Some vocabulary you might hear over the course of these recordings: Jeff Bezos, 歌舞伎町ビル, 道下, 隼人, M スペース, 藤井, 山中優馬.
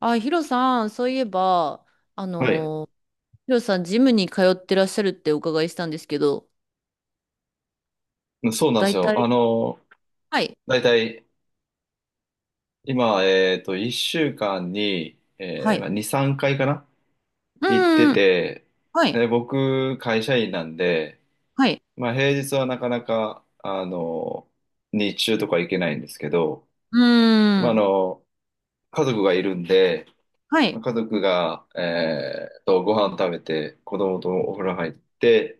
あ、ヒロさん、そういえば、あはい。のヒロさん、ジムに通ってらっしゃるってお伺いしたんですけど、そうなんです大よ。体、はい、だいたい今、1週間に、えはーい、まあ、2、3回かなう行ってんうん、て、はい、で僕、会社員なんで、はい、まあ、平日はなかなか、日中とか行けないんですけど、うまあ、ん、家族がいるんで、はまい。あ家族が、ご飯食べて、子供とお風呂入って、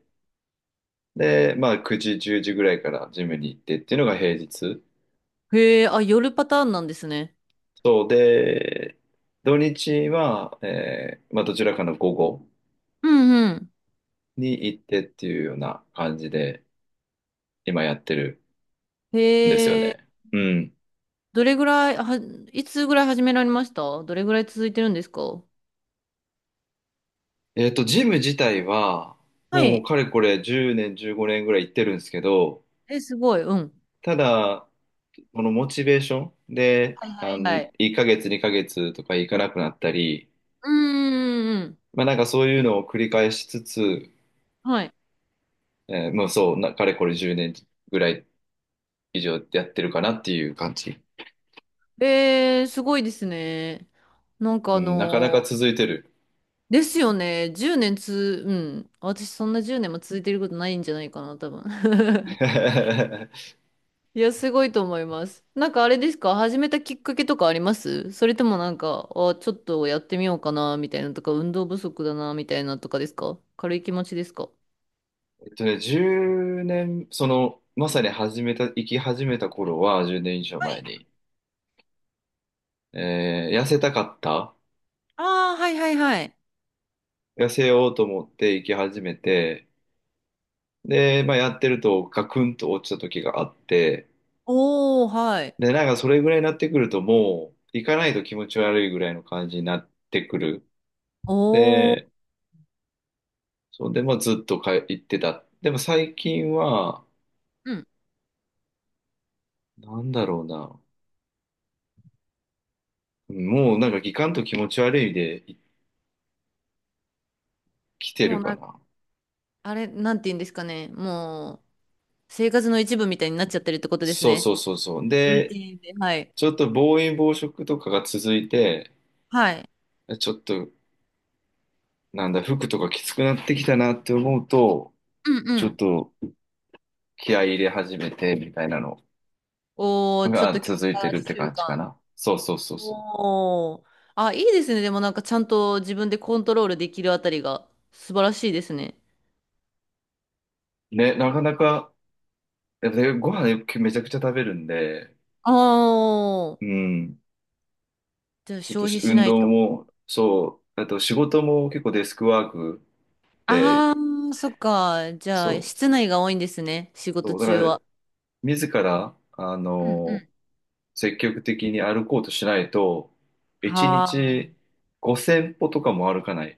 で、まあ、9時、10時ぐらいからジムに行ってっていうのが平日。へえ、あ、夜パターンなんですね。そうで、土日は、まあ、どちらかの午後うんうん。に行ってっていうような感じで今やってるんですよへえ、ね。うん。どれぐらい、は、いつぐらい始められました？どれぐらい続いてるんですか？ジム自体は、はもうい。かれこれ10年、15年ぐらい行ってるんですけど、え、すごい、うん。ただ、このモチベーションで、はいはいはい。1ヶ月、2ヶ月とか行かなくなったり、うんうんうんうん。まあなんかそういうのを繰り返しつつ、はい。もうそう、かれこれ10年ぐらい以上やってるかなっていう感じ。えー、すごいですね。なんかうあん、なかなかの続いてる。ですよね。10年つ、うん。私そんな10年も続いてることないんじゃないかな、多分。えいや、すごいと思います。なんかあれですか？始めたきっかけとかあります？それともなんか、あ、ちょっとやってみようかな、みたいなとか、運動不足だな、みたいなとかですか？軽い気持ちですか？1年、その、まさに始めた、生き始めた頃は、10年以上は前い。に、痩せたかった。ああ、はいはいはい。痩せようと思って生き始めて、で、まあ、やってるとガクンと落ちた時があって、おー、はい。で、なんかそれぐらいになってくるともう、行かないと気持ち悪いぐらいの感じになってくる。おー、で、そんで、まあ、ずっとか行ってた。でも最近は、うん。なんだろうな。もうなんかギカンと気持ち悪いで来てもるうかな、な。あれ、なんて言うんですかね。もう、生活の一部みたいになっちゃってるってことですそうね。そうそうそう。ルーテで、ィンで。はい。ちょっと暴飲暴食とかが続いて、はい。ちょっとなんだ、服とかきつくなってきたなって思うと、うんうちょっん。と気合い入れ始めてみたいなのおー、ちょっがと強続いて化るって習感じか慣。な。そうそうそうそおー。あ、いいですね。でもなんかちゃんと自分でコントロールできるあたりが素晴らしいですね。う。ね、なかなか、やっぱりご飯めちゃくちゃ食べるんで、ああ、うん、じゃあちょっと消し費し運ない動と。も、そう、あと仕事も結構デスクワークで、ああ、そっか。じゃそあ室う。内が多いんですね。仕事そう、だ中からは。自ら、うんうん、積極的に歩こうとしないと、1日は5000歩とかも歩かない。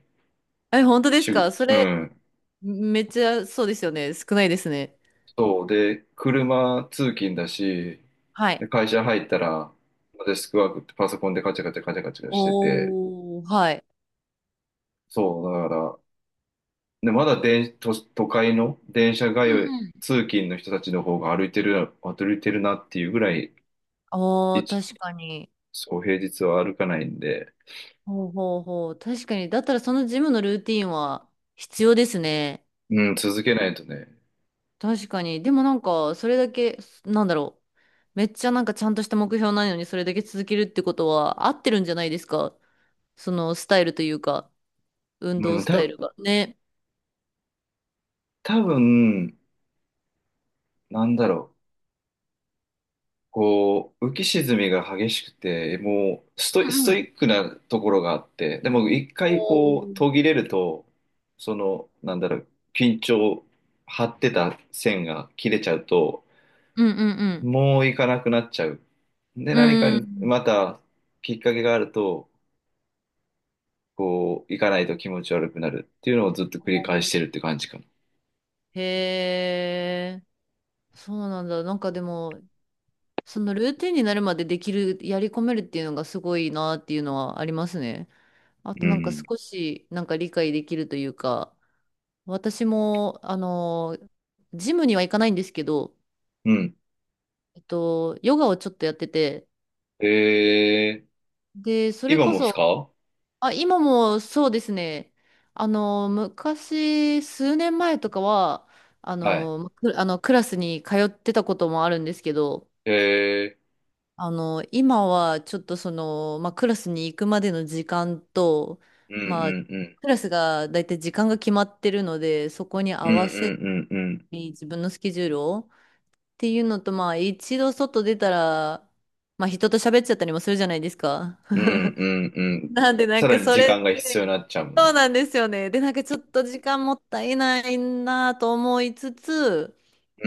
あ。え、本当ですか？そうれ、ん。めっちゃそうですよね。少ないですね。そうで、車通勤だし、はい。で会社入ったら、デスクワークってパソコンでカチャカチャカチャカチャしてて、おー、はい。そう、だから、で、まだ都会の電車う通んうん。い、通勤の人たちの方が歩いてる、歩いてるなっていうぐらい、おー、一確かに。そう、平日は歩かないんで、ほうほうほう。確かに。だったらそのジムのルーティンは必要ですね。うん、続けないとね、確かに。でもなんか、それだけ、なんだろう。めっちゃなんかちゃんとした目標ないのにそれだけ続けるってことは合ってるんじゃないですか？そのスタイルというか、運動うん、スタイルが。ね。多分、なんだろう。こう、浮き沈みが激しくて、もううストんうイん。ックなところがあって、でも一お回こう、ー、途切れると、その、なんだろう、緊張、張ってた線が切れちゃうと、うんうんもう行かなくなっちゃう。で、う何かん。うん。またきっかけがあると、こう、行かないと気持ち悪くなるっていうのをずっと繰り返してるって感じかも。へえ、そうなんだ。なんかでも、そのルーティンになるまでできる、やり込めるっていうのがすごいなっていうのはありますね。あうとなんかん。少しなんか理解できるというか、私も、ジムには行かないんですけど、うん。ヨガをちょっとやってて、えー、で、それ今こもっすそ、か？あ、今もそうですね、昔、数年前とかは、はい。く、あのクラスに通ってたこともあるんですけど、えー今はちょっとその、まあ、クラスに行くまでの時間と、うんうまあ、クんうん。ラスがだいたい時間が決まってるので、そこにう合んうわせんうんうん。に自分のスケジュールをっていうのと、まあ一度外出たら、まあ人と喋っちゃったりもするじゃないですか。う んうんうん。なんでなんさらかにそ時れ間が必要で、になっちゃうもんそうね。なんですよね。で、なんかちょっと時間もったいないなと思いつつ、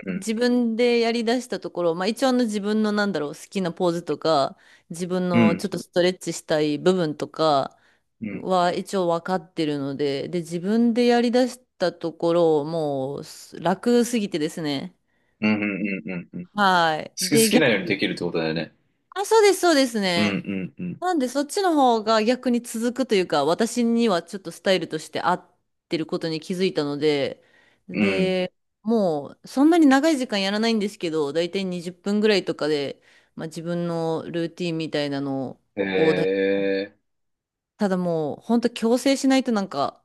うん。自分でやり出したところ、まあ一応あの自分のなんだろう、好きなポーズとか、自分うのん。ちょっとストレッチしたい部分とかうん。は一応分かってるので、で、自分でやり出したところ、もう楽すぎてですね。うんうんうんうん。好はい。き、好で、きな逆、ようにできるってことだよね。あ、そうです、そうですうんうね。んうん。なんで、そっちの方が逆に続くというか、私にはちょっとスタイルとして合ってることに気づいたので、うん。で、もう、そんなに長い時間やらないんですけど、だいたい20分ぐらいとかで、まあ、自分のルーティンみたいなのへをだ、え。ただもう、ほんと強制しないとなんか、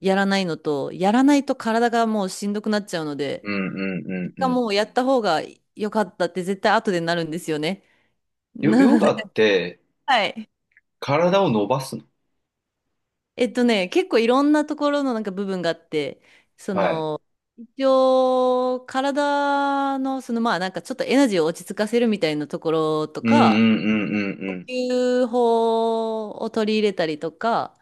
やらないのと、やらないと体がもうしんどくなっちゃうのうで、んうんうん一う回ん。もうやった方が良かったって絶対後でなるんですよね。ヨ、なヨので、ガってはい。体を伸ばすの？結構いろんなところのなんか部分があって、はい。一応、体の、そのまあなんかちょっとエナジーを落ち着かせるみたいなところとうんうか、んうんう呼ん吸法を取り入れたりとか、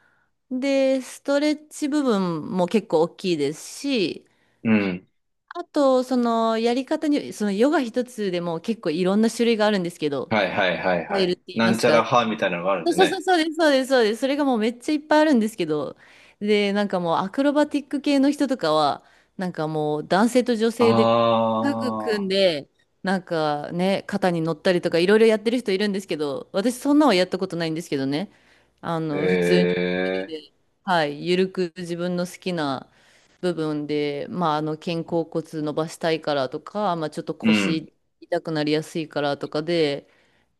で、ストレッチ部分も結構大きいですし、うん。うん。あと、そのやり方に、そのヨガ一つでも結構いろんな種類があるんですけど、はいはいはいタイはルっい。て言いなまんちすゃらか。派みたいなのがあるんそうでそうそうね。そうです、そうです、そうです。それがもうめっちゃいっぱいあるんですけど、で、なんかもうアクロバティック系の人とかは、なんかもう男性と女あ性でタッグ組んあ。で、なんかね、肩に乗ったりとかいろいろやってる人いるんですけど、私そんなはやったことないんですけどね、へ普通に一人え。で、はい、ゆるく自分の好きな部分で、まあ、肩甲骨伸ばしたいからとか、まあ、ちょっとうん。腰痛くなりやすいからとかで、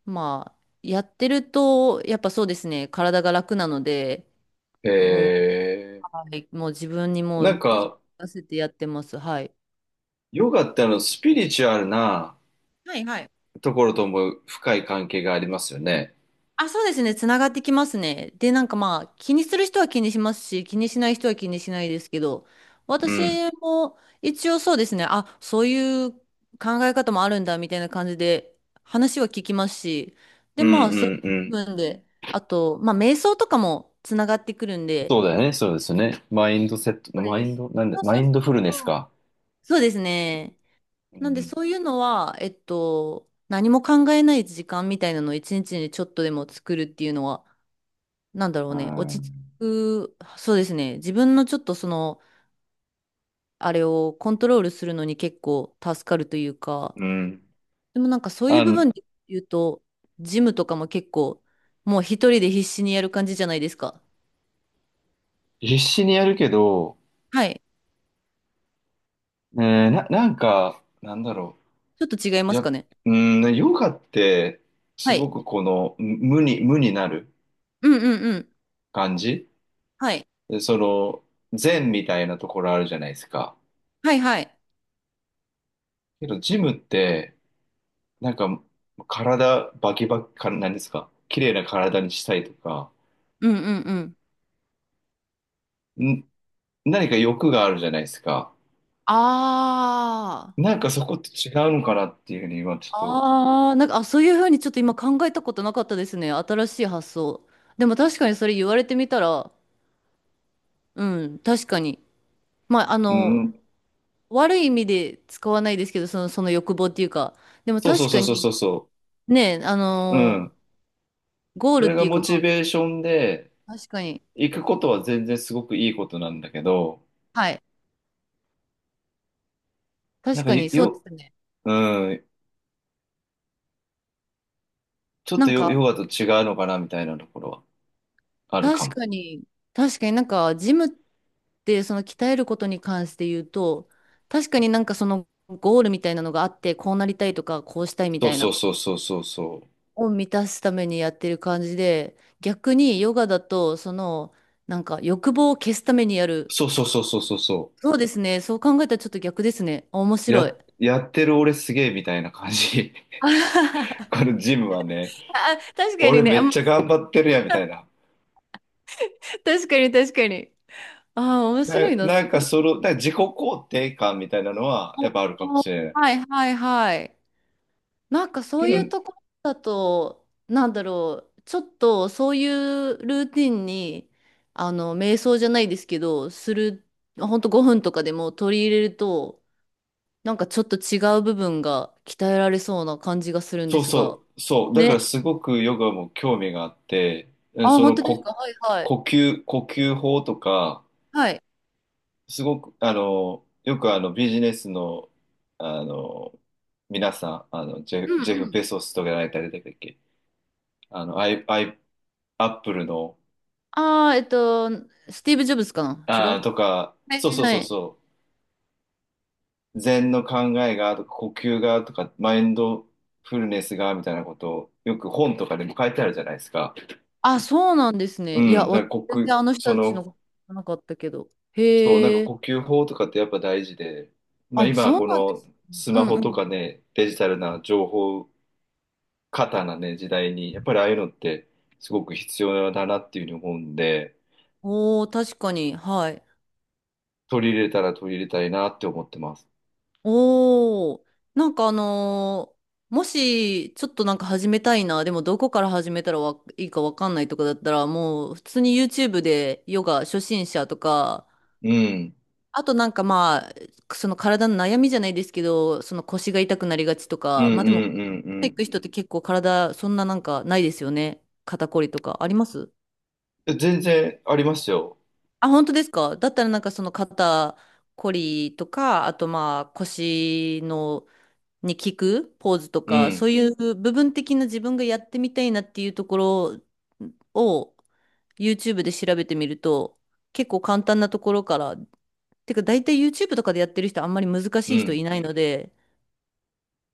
まあ、やってると、やっぱそうですね、体が楽なので、へもう、え。はい、もう自分にもなんう、か、出せてやってます。はい。ヨガってスピリチュアルなはいはい。ところとも深い関係がありますよね。あ、そうですね、つながってきますね。で、なんかまあ、気にする人は気にしますし、気にしない人は気にしないですけど、う私ん。も一応そうですね、あ、そういう考え方もあるんだ、みたいな感じで、話は聞きますし、で、うまあ、んうそういんううん。部分で、あと、まあ、瞑想とかもつながってくるんそで、うだよね、そうですよね。そうマイでンす。ド、なんで、そうマそイうそンドうフルネスそう。か。そうですね。うなんでん。そういうのは、何も考えない時間みたいなのを一日にちょっとでも作るっていうのは、なんだろうね、落ちは着く、そうですね。自分のちょっとその、あれをコントロールするのに結構助かるというか、い。うん。でもなんかそういうあ部の、分で言うと、ジムとかも結構、もう一人で必死にやる感じじゃないですか。必死にやるけど、はい。えなんか、なんだろちょっと違いう。ますかね。うん、ねヨガって、すはごい。くこの、無になるうんうんうん。感じ。はい。でその、禅みたいなところあるじゃないですか。はいはい。けど、ジムって、なんか、体、バキバキ、何ですか？綺麗な体にしたいとか、うんうんうん。ん、何か欲があるじゃないですか。あなんかそこって違うのかなっていうふうに今ちょっと、あ、ああ、なんか、あ、そういうふうにちょっと今考えたことなかったですね。新しい発想。でも確かにそれ言われてみたら、うん、確かに。まあ、うん、悪い意味で使わないですけど、その、その欲望っていうか。でもそうそう確そかうそうそうに、そね、う、うん。ゴーそルっれがていうモか、チまベーションで、あ、確かに。行くことは全然すごくいいことなんだけど、はい。なん確かかに、そうですね。うん、ちょっなとんヨ、か、ヨガと違うのかなみたいなところはあるか確も。かに、確かになんか、ジムって、その鍛えることに関して言うと、確かになんかそのゴールみたいなのがあって、こうなりたいとか、こうしたいみそたういそうな、そうそうそうそう。を満たすためにやってる感じで、逆にヨガだと、その、なんか欲望を消すためにやる。そうそうそうそうそうそそうですね。そう考えたらちょっと逆ですね。あ、面う。白い。や、やってる俺すげえみたいな感じ。あはははこのジムはね、あ、確かに俺ね。めあ、っま、ちゃ頑張ってるやんみたいな。確かに確かに。ああ、面な、白いな。な確んかかその、なんかに自己肯定感みたいなのはお、やっぱあるかもしお、れない。はいはいはい。なんかそけういうど、ところだと、なんだろう、ちょっとそういうルーティンに、瞑想じゃないですけど、する、ほんと5分とかでも取り入れると、なんかちょっと違う部分が鍛えられそうな感じがするんでそうすが。そう、そう。だかね。らすごくヨガも興味があって、うんあ、そ本の当ですこ、か？はいはい。呼吸法とか、はい。すごく、よくビジネスの、あの、皆さん、ジうェフ、んジェフ・うん。ベソスとかやられたりだっけ？あの、アイ、アイ、アップルの、ああ、スティーブ・ジョブズかな？違う？はとか、いそはういそうはそうい。そう。禅の考えがとか呼吸がとかマインドフルネスがみたいなことをよく本とかでも書いてあるじゃないですか。あ、そうなんですうね。いや、ん。だわ、から全然あの人そたちのの、こと知らなかったけど。そう、なんかへえ。呼吸法とかってやっぱ大事で、まああ、今そうこなんでのす。スうマんホうとん。かね、デジタルな情報過多なね、時代に、やっぱりああいうのってすごく必要だなっていうふうに思うんで、おー、確かに。はい。取り入れたら取り入れたいなって思ってます。おー、なんかあのーもし、ちょっとなんか始めたいな、でもどこから始めたらわいいかわかんないとかだったら、もう普通に YouTube でヨガ初心者とか、うん。あとなんかまあ、その体の悩みじゃないですけど、その腰が痛くなりがちとうんうか、んまあでうも、行んく人って結構体、そんななんかないですよね。肩こりとか。あります？うん。全然ありますよ。あ、本当ですか？だったらなんかその肩こりとか、あとまあ腰のに効くポーズとうか、そうん。いう部分的な自分がやってみたいなっていうところを YouTube で調べてみると、結構簡単なところから、てか大体 YouTube とかでやってる人あんまり難うしい人ん。いないので、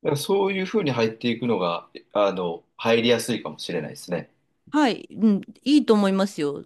だからそういうふうに入っていくのが、入りやすいかもしれないですね。はい、うん、いいと思いますよ。